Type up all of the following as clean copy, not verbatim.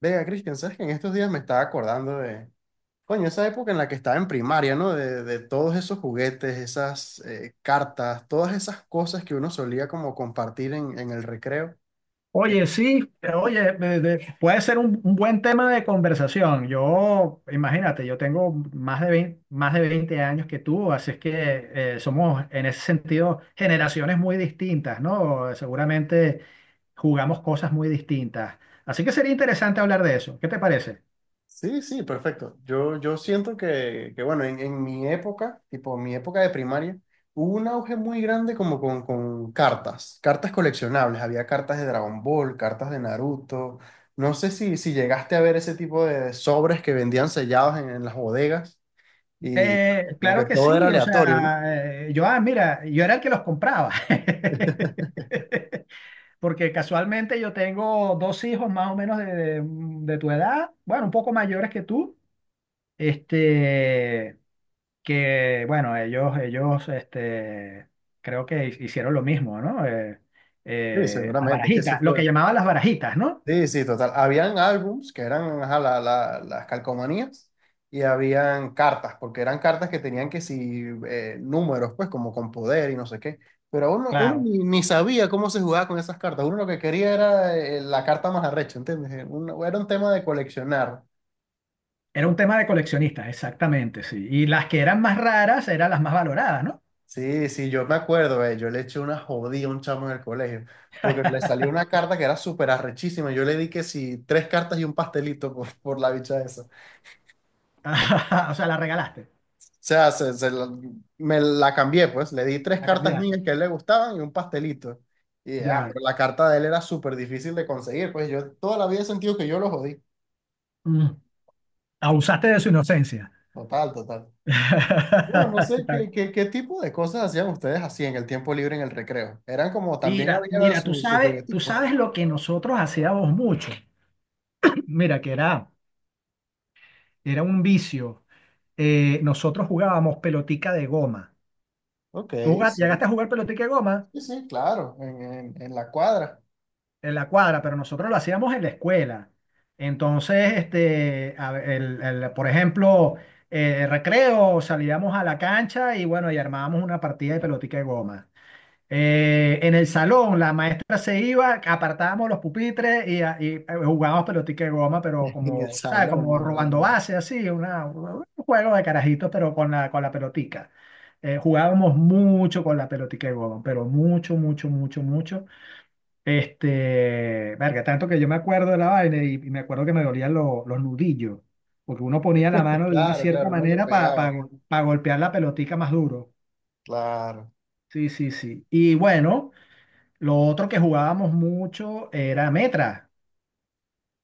Vea, Cristian, sabes que en estos días me estaba acordando de, coño, esa época en la que estaba en primaria, ¿no? De todos esos juguetes, esas cartas, todas esas cosas que uno solía como compartir en el recreo. Eh, Oye, sí, oye, puede ser un buen tema de conversación. Yo, imagínate, yo tengo más de 20 años que tú, así es que somos en ese sentido generaciones muy distintas, ¿no? Seguramente jugamos cosas muy distintas. Así que sería interesante hablar de eso. ¿Qué te parece? sí, sí, perfecto. Yo siento que bueno, en mi época, tipo mi época de primaria, hubo un auge muy grande como con cartas, cartas coleccionables. Había cartas de Dragon Ball, cartas de Naruto. No sé si llegaste a ver ese tipo de sobres que vendían sellados en las bodegas. Y Eh, como que claro que todo era sí, o aleatorio, ¿no? sea, ah, mira, yo era el que los compraba. Porque casualmente yo tengo dos hijos más o menos de tu edad, bueno, un poco mayores que tú, este, que bueno, ellos, creo que hicieron lo mismo, ¿no? Eh, Sí, eh, las seguramente, es que eso barajitas, lo fue. que llamaban las barajitas, ¿no? Sí, sí, total. Habían álbums que eran ajá, las calcomanías y habían cartas, porque eran cartas que tenían que si números, pues como con poder y no sé qué. Pero uno Claro, ni sabía cómo se jugaba con esas cartas. Uno lo que quería era la carta más arrecha, ¿entiendes? Era un tema de coleccionar. era un tema de coleccionistas, exactamente, sí. Y las que eran más raras eran las más valoradas, ¿no? Sí, sí, yo me acuerdo, yo le eché una jodida a un chamo en el colegio, porque le salió una carta que era súper arrechísima. Yo le di que sí, tres cartas y un pastelito por la bicha esa. O O sea, la regalaste, sea, me la cambié, pues. Le di tres la cartas cambiaste, mías que a él le gustaban y un pastelito. Y ah, ya. pero la carta de él era súper difícil de conseguir, pues yo toda la vida he sentido que yo lo jodí. Mm. Abusaste de su inocencia. Total, total. Bueno, no sé qué tipo de cosas hacían ustedes así en el tiempo libre en el recreo. Eran como también Mira, había mira, sus su tú jugueticos. sabes lo que nosotros hacíamos mucho. Mira, que era un vicio. Nosotros jugábamos pelotica de goma. Ok, Llegaste sí. a jugar pelotica de goma Sí, sí, claro, en la cuadra, en la cuadra, pero nosotros lo hacíamos en la escuela. Entonces, a ver, por ejemplo, recreo, salíamos a la cancha y bueno, y armábamos una partida de pelotica de goma. En el salón, la maestra se iba, apartábamos los pupitres y jugábamos pelotica de goma, pero en el como, ¿sabes? salón, Como ah, robando huevón. base, así, un juego de carajitos, pero con la pelotica. Jugábamos mucho con la pelotica de goma, pero mucho, mucho, mucho, mucho. Verga, tanto que yo me acuerdo de la vaina y me acuerdo que me dolían los nudillos, porque uno ponía la mano de una Claro, cierta claro, no le manera pegaba. para golpear la pelotica más duro. Claro, Sí, sí, sí. Y bueno. Lo otro que jugábamos mucho era Metra.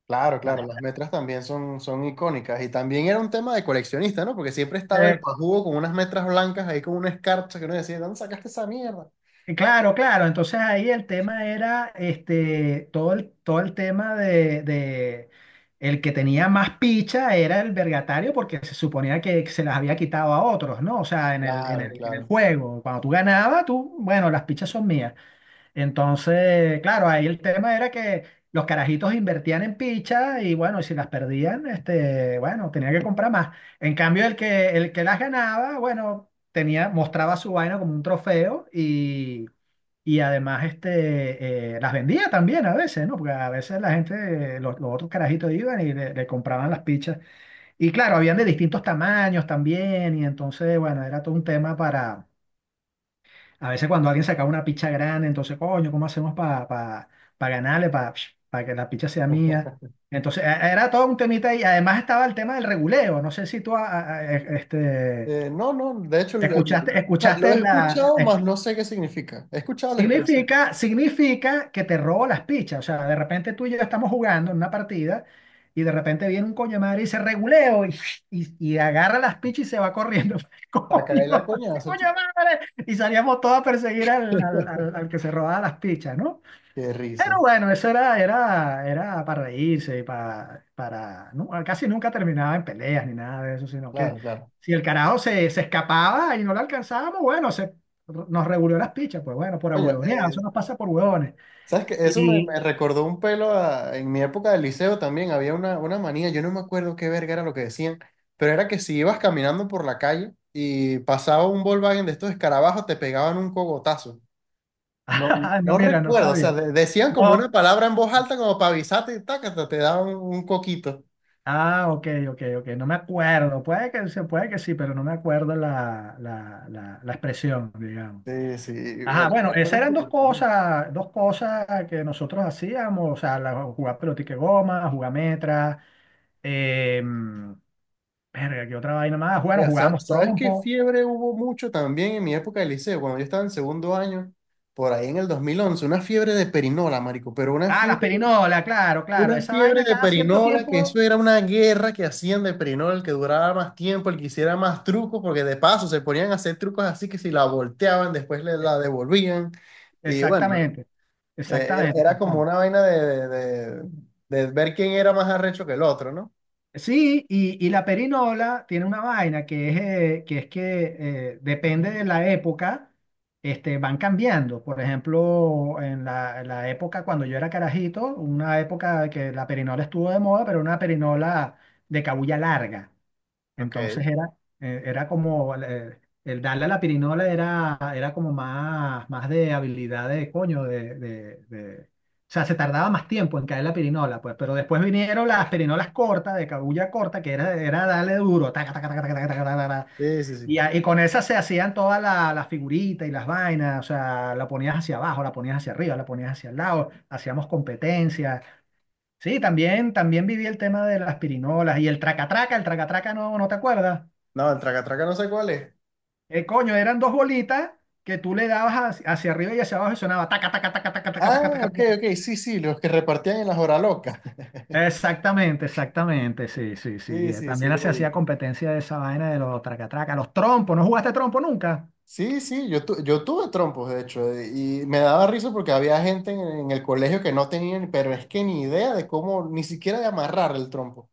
claro, claro, las metras también son, son icónicas y también era un tema de coleccionista, ¿no? Porque siempre estaba el ¿Vale? pajugo con unas metras blancas ahí con una escarcha que uno decía, ¿dónde sacaste esa mierda? Claro, claro. Entonces ahí el tema era todo el tema el que tenía más picha era el vergatario porque se suponía que se las había quitado a otros, ¿no? O sea, Claro, en el claro. juego. Cuando tú ganabas, tú, bueno, las pichas son mías. Entonces, claro, ahí el tema era que los carajitos invertían en pichas y bueno, y si las perdían, bueno, tenía que comprar más. En cambio, el que las ganaba, bueno, tenía, mostraba su vaina como un trofeo y además las vendía también a veces, ¿no? Porque a veces la gente, los otros carajitos iban y le compraban las pichas. Y claro, habían de distintos tamaños también y entonces, bueno, era todo un tema a veces cuando alguien sacaba una picha grande, entonces, coño, ¿cómo hacemos para ganarle, para que la picha sea mía? Entonces, era todo un temita y además estaba el tema del reguleo. No sé si tú No, no, de hecho o sea, lo escuchaste, he escuchado, más no sé qué significa. He escuchado la expresión, significa que te robo las pichas. O sea, de repente tú y yo estamos jugando en una partida y de repente viene un coño de madre y dice reguleo y agarra las pichas y se va corriendo. para Coño, caer la ese coñazo, coño de chico. madre. Y salíamos todos a perseguir al que se robaba las pichas, ¿no? Qué Pero risa. bueno, eso era para reírse, casi nunca terminaba en peleas ni nada de eso, sino que Claro, claro. si el carajo se escapaba y no lo alcanzábamos, bueno, nos reguló las pichas, pues bueno, por Coño, huevonear, eso nos pasa por huevones. ¿sabes qué? Eso me, Y, me recordó un pelo en mi época de liceo también. Había una manía, yo no me acuerdo qué verga era lo que decían, pero era que si ibas caminando por la calle y pasaba un Volkswagen de estos escarabajos, te pegaban un cogotazo. No, ah, no, no mira, no recuerdo, o sea, sabía. Decían como una No, palabra en voz alta como para avisarte y tácata, te daban un coquito. ah, ok, ok, ok, no me acuerdo, se puede que sí, pero no me acuerdo la expresión, digamos. Sí, sí, Ajá, era, bueno, era esas algo eran súper común. Dos cosas que nosotros hacíamos, o sea, jugar pelotique goma, jugar metra, eh, verga, ¿qué otra vaina más? Bueno, Mira, jugábamos ¿sabes qué trompo. fiebre hubo mucho también en mi época de liceo? Cuando yo estaba en segundo año, por ahí en el 2011, una fiebre de perinola, marico, pero Ah, las perinolas, claro, claro. una Esa fiebre vaina de cada cierto perinola, que eso tiempo. era una guerra que hacían de perinola, el que duraba más tiempo, el que hiciera más trucos, porque de paso se ponían a hacer trucos así que si la volteaban, después le la es- devolvían. Y bueno, exactamente, era, exactamente, era como exactamente. una vaina de ver quién era más arrecho que el otro, ¿no? Sí, y la perinola tiene una vaina que es que depende de la época, van cambiando. Por ejemplo, en la época cuando yo era carajito, una época que la perinola estuvo de moda, pero una perinola de cabuya larga. Ok. Entonces era como el darle a la pirinola era como más, más de habilidad de coño, O sea, se tardaba más tiempo en caer la pirinola, pues, pero después vinieron las pirinolas cortas, de cabulla corta, que era darle duro, taca, taca, taca, taca, taca, taca, taca, taca. Sí, sí, sí. Y con esas se hacían todas las figuritas y las vainas, o sea, la ponías hacia abajo, la ponías hacia arriba, la ponías hacia el lado, hacíamos competencias. Sí, también, también viví el tema de las pirinolas y el tracatraca no, ¿no te acuerdas? No, el traca-traca no sé cuál es. Coño, eran dos bolitas que tú le dabas hacia arriba y hacia abajo y sonaba taca, taca, taca, taca, taca, Ah, taca, taca, ok, taca. ok, sí, sí, los que repartían en las horas locas. Exactamente, exactamente, sí, sí, sí. Sí, sí, sí, También se los hacía ubico. competencia de esa vaina de los tracatracas, los trompos, ¿no jugaste trompo nunca? Sí, sí, yo tuve trompos, de hecho, y me daba risa porque había gente en el colegio que no tenían, pero es que ni idea de cómo, ni siquiera de amarrar el trompo.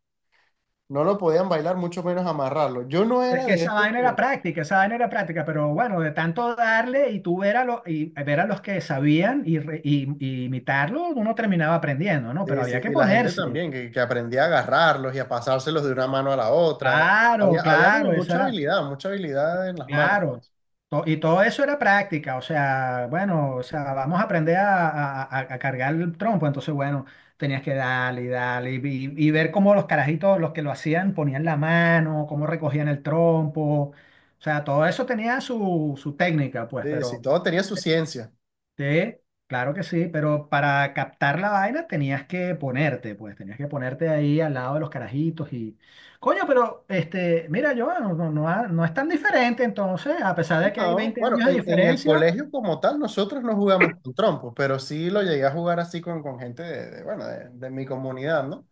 No lo podían bailar, mucho menos amarrarlo. Yo no Es era que de esa esos vaina era que... práctica, esa vaina era práctica, pero bueno, de tanto darle y tú ver a los que sabían y imitarlo, uno terminaba aprendiendo, ¿no? Pero Sí, sí, había que y la gente ponerse. también, que aprendía a agarrarlos y a pasárselos de una mano a la otra. Había, Claro, había como claro, eso era. Mucha habilidad en las manos, Claro, pues. Y todo eso era práctica, o sea, bueno, o sea, vamos a aprender a cargar el trompo, entonces, bueno, tenías que darle y darle y ver cómo los carajitos, los que lo hacían, ponían la mano, cómo recogían el trompo, o sea, todo eso tenía su técnica, pues, Sí, sí, pero todo tenía su ciencia. sí, claro que sí, pero para captar la vaina tenías que ponerte, pues tenías que ponerte ahí al lado de los carajitos. Coño, pero mira, yo no es tan diferente entonces, a pesar de que hay No, 20 bueno, años de en el diferencia. colegio como tal nosotros no jugamos con trompos, pero sí lo llegué a jugar así con gente bueno, de mi comunidad, ¿no?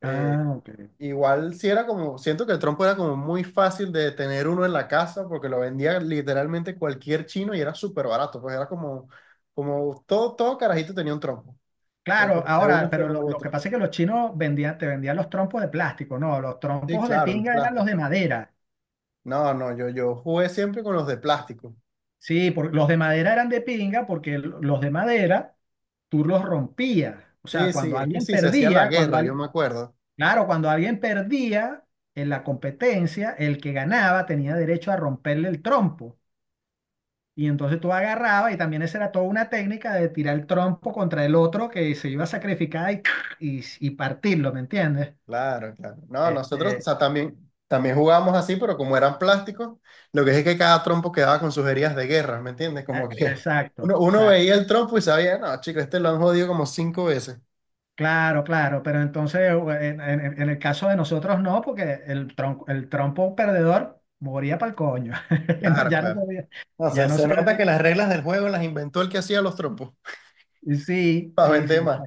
Eh, Ah, ok. igual sí era como, siento que el trompo era como muy fácil de tener uno en la casa porque lo vendía literalmente cualquier chino y era súper barato, pues era como, como todo, todo carajito tenía un trompo, Claro, de ahora, una pero forma u lo otra. que pasa es que los chinos te vendían los trompos de plástico, no, los Sí, trompos de claro, los pinga eran los plásticos. de madera. No, no, yo jugué siempre con los de plástico. Sí, los de madera eran de pinga porque los de madera tú los rompías. O Sí, sea, sí, cuando es que alguien sí, se hacía la perdía, cuando, guerra, yo al- me acuerdo. Claro, cuando alguien perdía en la competencia, el que ganaba tenía derecho a romperle el trompo. Y entonces tú agarrabas, y también esa era toda una técnica de tirar el trompo contra el otro que se iba a sacrificar y partirlo, ¿me entiendes? Claro, claro. No, nosotros, o Este, sea, también, también jugábamos así, pero como eran plásticos, lo que es que cada trompo quedaba con sus heridas de guerra, ¿me entiendes? e- Como sí, que exacto, uno, uno exacto. veía el trompo y sabía, no, chico, este lo han jodido como cinco veces. Claro, claro, pero entonces en el caso de nosotros no, porque el trompo perdedor moría para el coño. No, Claro, ya no claro. servía, No, ya se, no se nota que servía. las reglas del juego las inventó el que hacía los trompos, Sí, para sí, sí. vender más.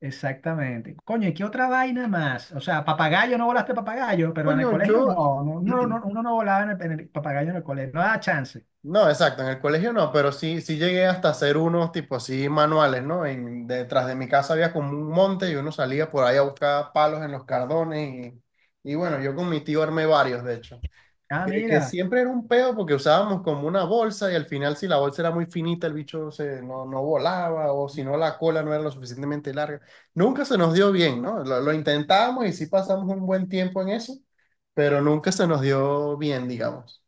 Exactamente. Coño, ¿y qué otra vaina más? O sea, papagayo, no volaste papagayo, pero en el Coño, yo, colegio no, no, no, no, uno no volaba en el papagayo en el colegio, no daba chance. no, exacto, en el colegio no, pero sí, sí llegué hasta hacer unos tipo así manuales, ¿no? En, detrás de mi casa había como un monte y uno salía por ahí a buscar palos en los cardones y bueno, yo con mi tío armé varios, de hecho, Ah, que mira, siempre era un peo porque usábamos como una bolsa y al final si la bolsa era muy finita el bicho se, no, no volaba o si no la cola no era lo suficientemente larga. Nunca se nos dio bien, ¿no? Lo intentábamos y sí pasamos un buen tiempo en eso, pero nunca se nos dio bien, digamos.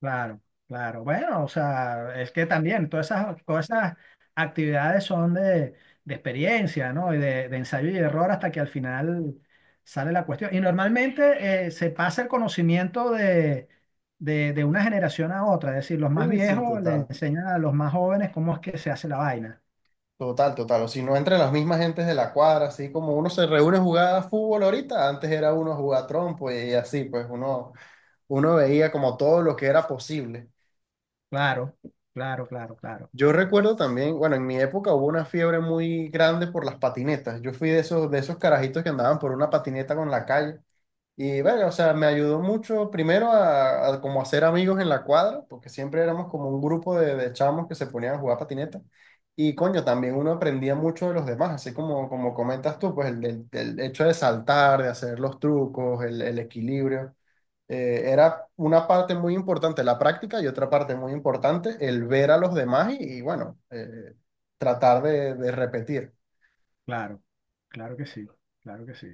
claro, claro. Bueno, o sea, es que también todas esas actividades son de experiencia, ¿no? Y de ensayo y error hasta que al final sale la cuestión. Y normalmente se pasa el conocimiento de una generación a otra, es decir, los más Sí, sí, viejos le total. enseñan a los más jóvenes cómo es que se hace la vaina. Total, total. O si no, entre las mismas gentes de la cuadra, así como uno se reúne a jugar a fútbol ahorita, antes era uno a jugar trompo y así, pues uno, uno veía como todo lo que era posible. Claro, claro, claro, claro, Yo recuerdo también, bueno, en mi época hubo una fiebre muy grande por las patinetas. Yo fui de esos carajitos que andaban por una patineta con la calle. Y bueno, o sea, me ayudó mucho primero a como hacer amigos en la cuadra, porque siempre éramos como un grupo de chamos que se ponían a jugar patineta. Y coño, también uno aprendía mucho de los demás, así como, como comentas tú, pues el hecho de saltar, de hacer los trucos, el equilibrio. Era una parte muy importante la práctica y otra parte muy importante el ver a los demás y bueno, tratar de repetir. claro, claro que sí, claro que sí.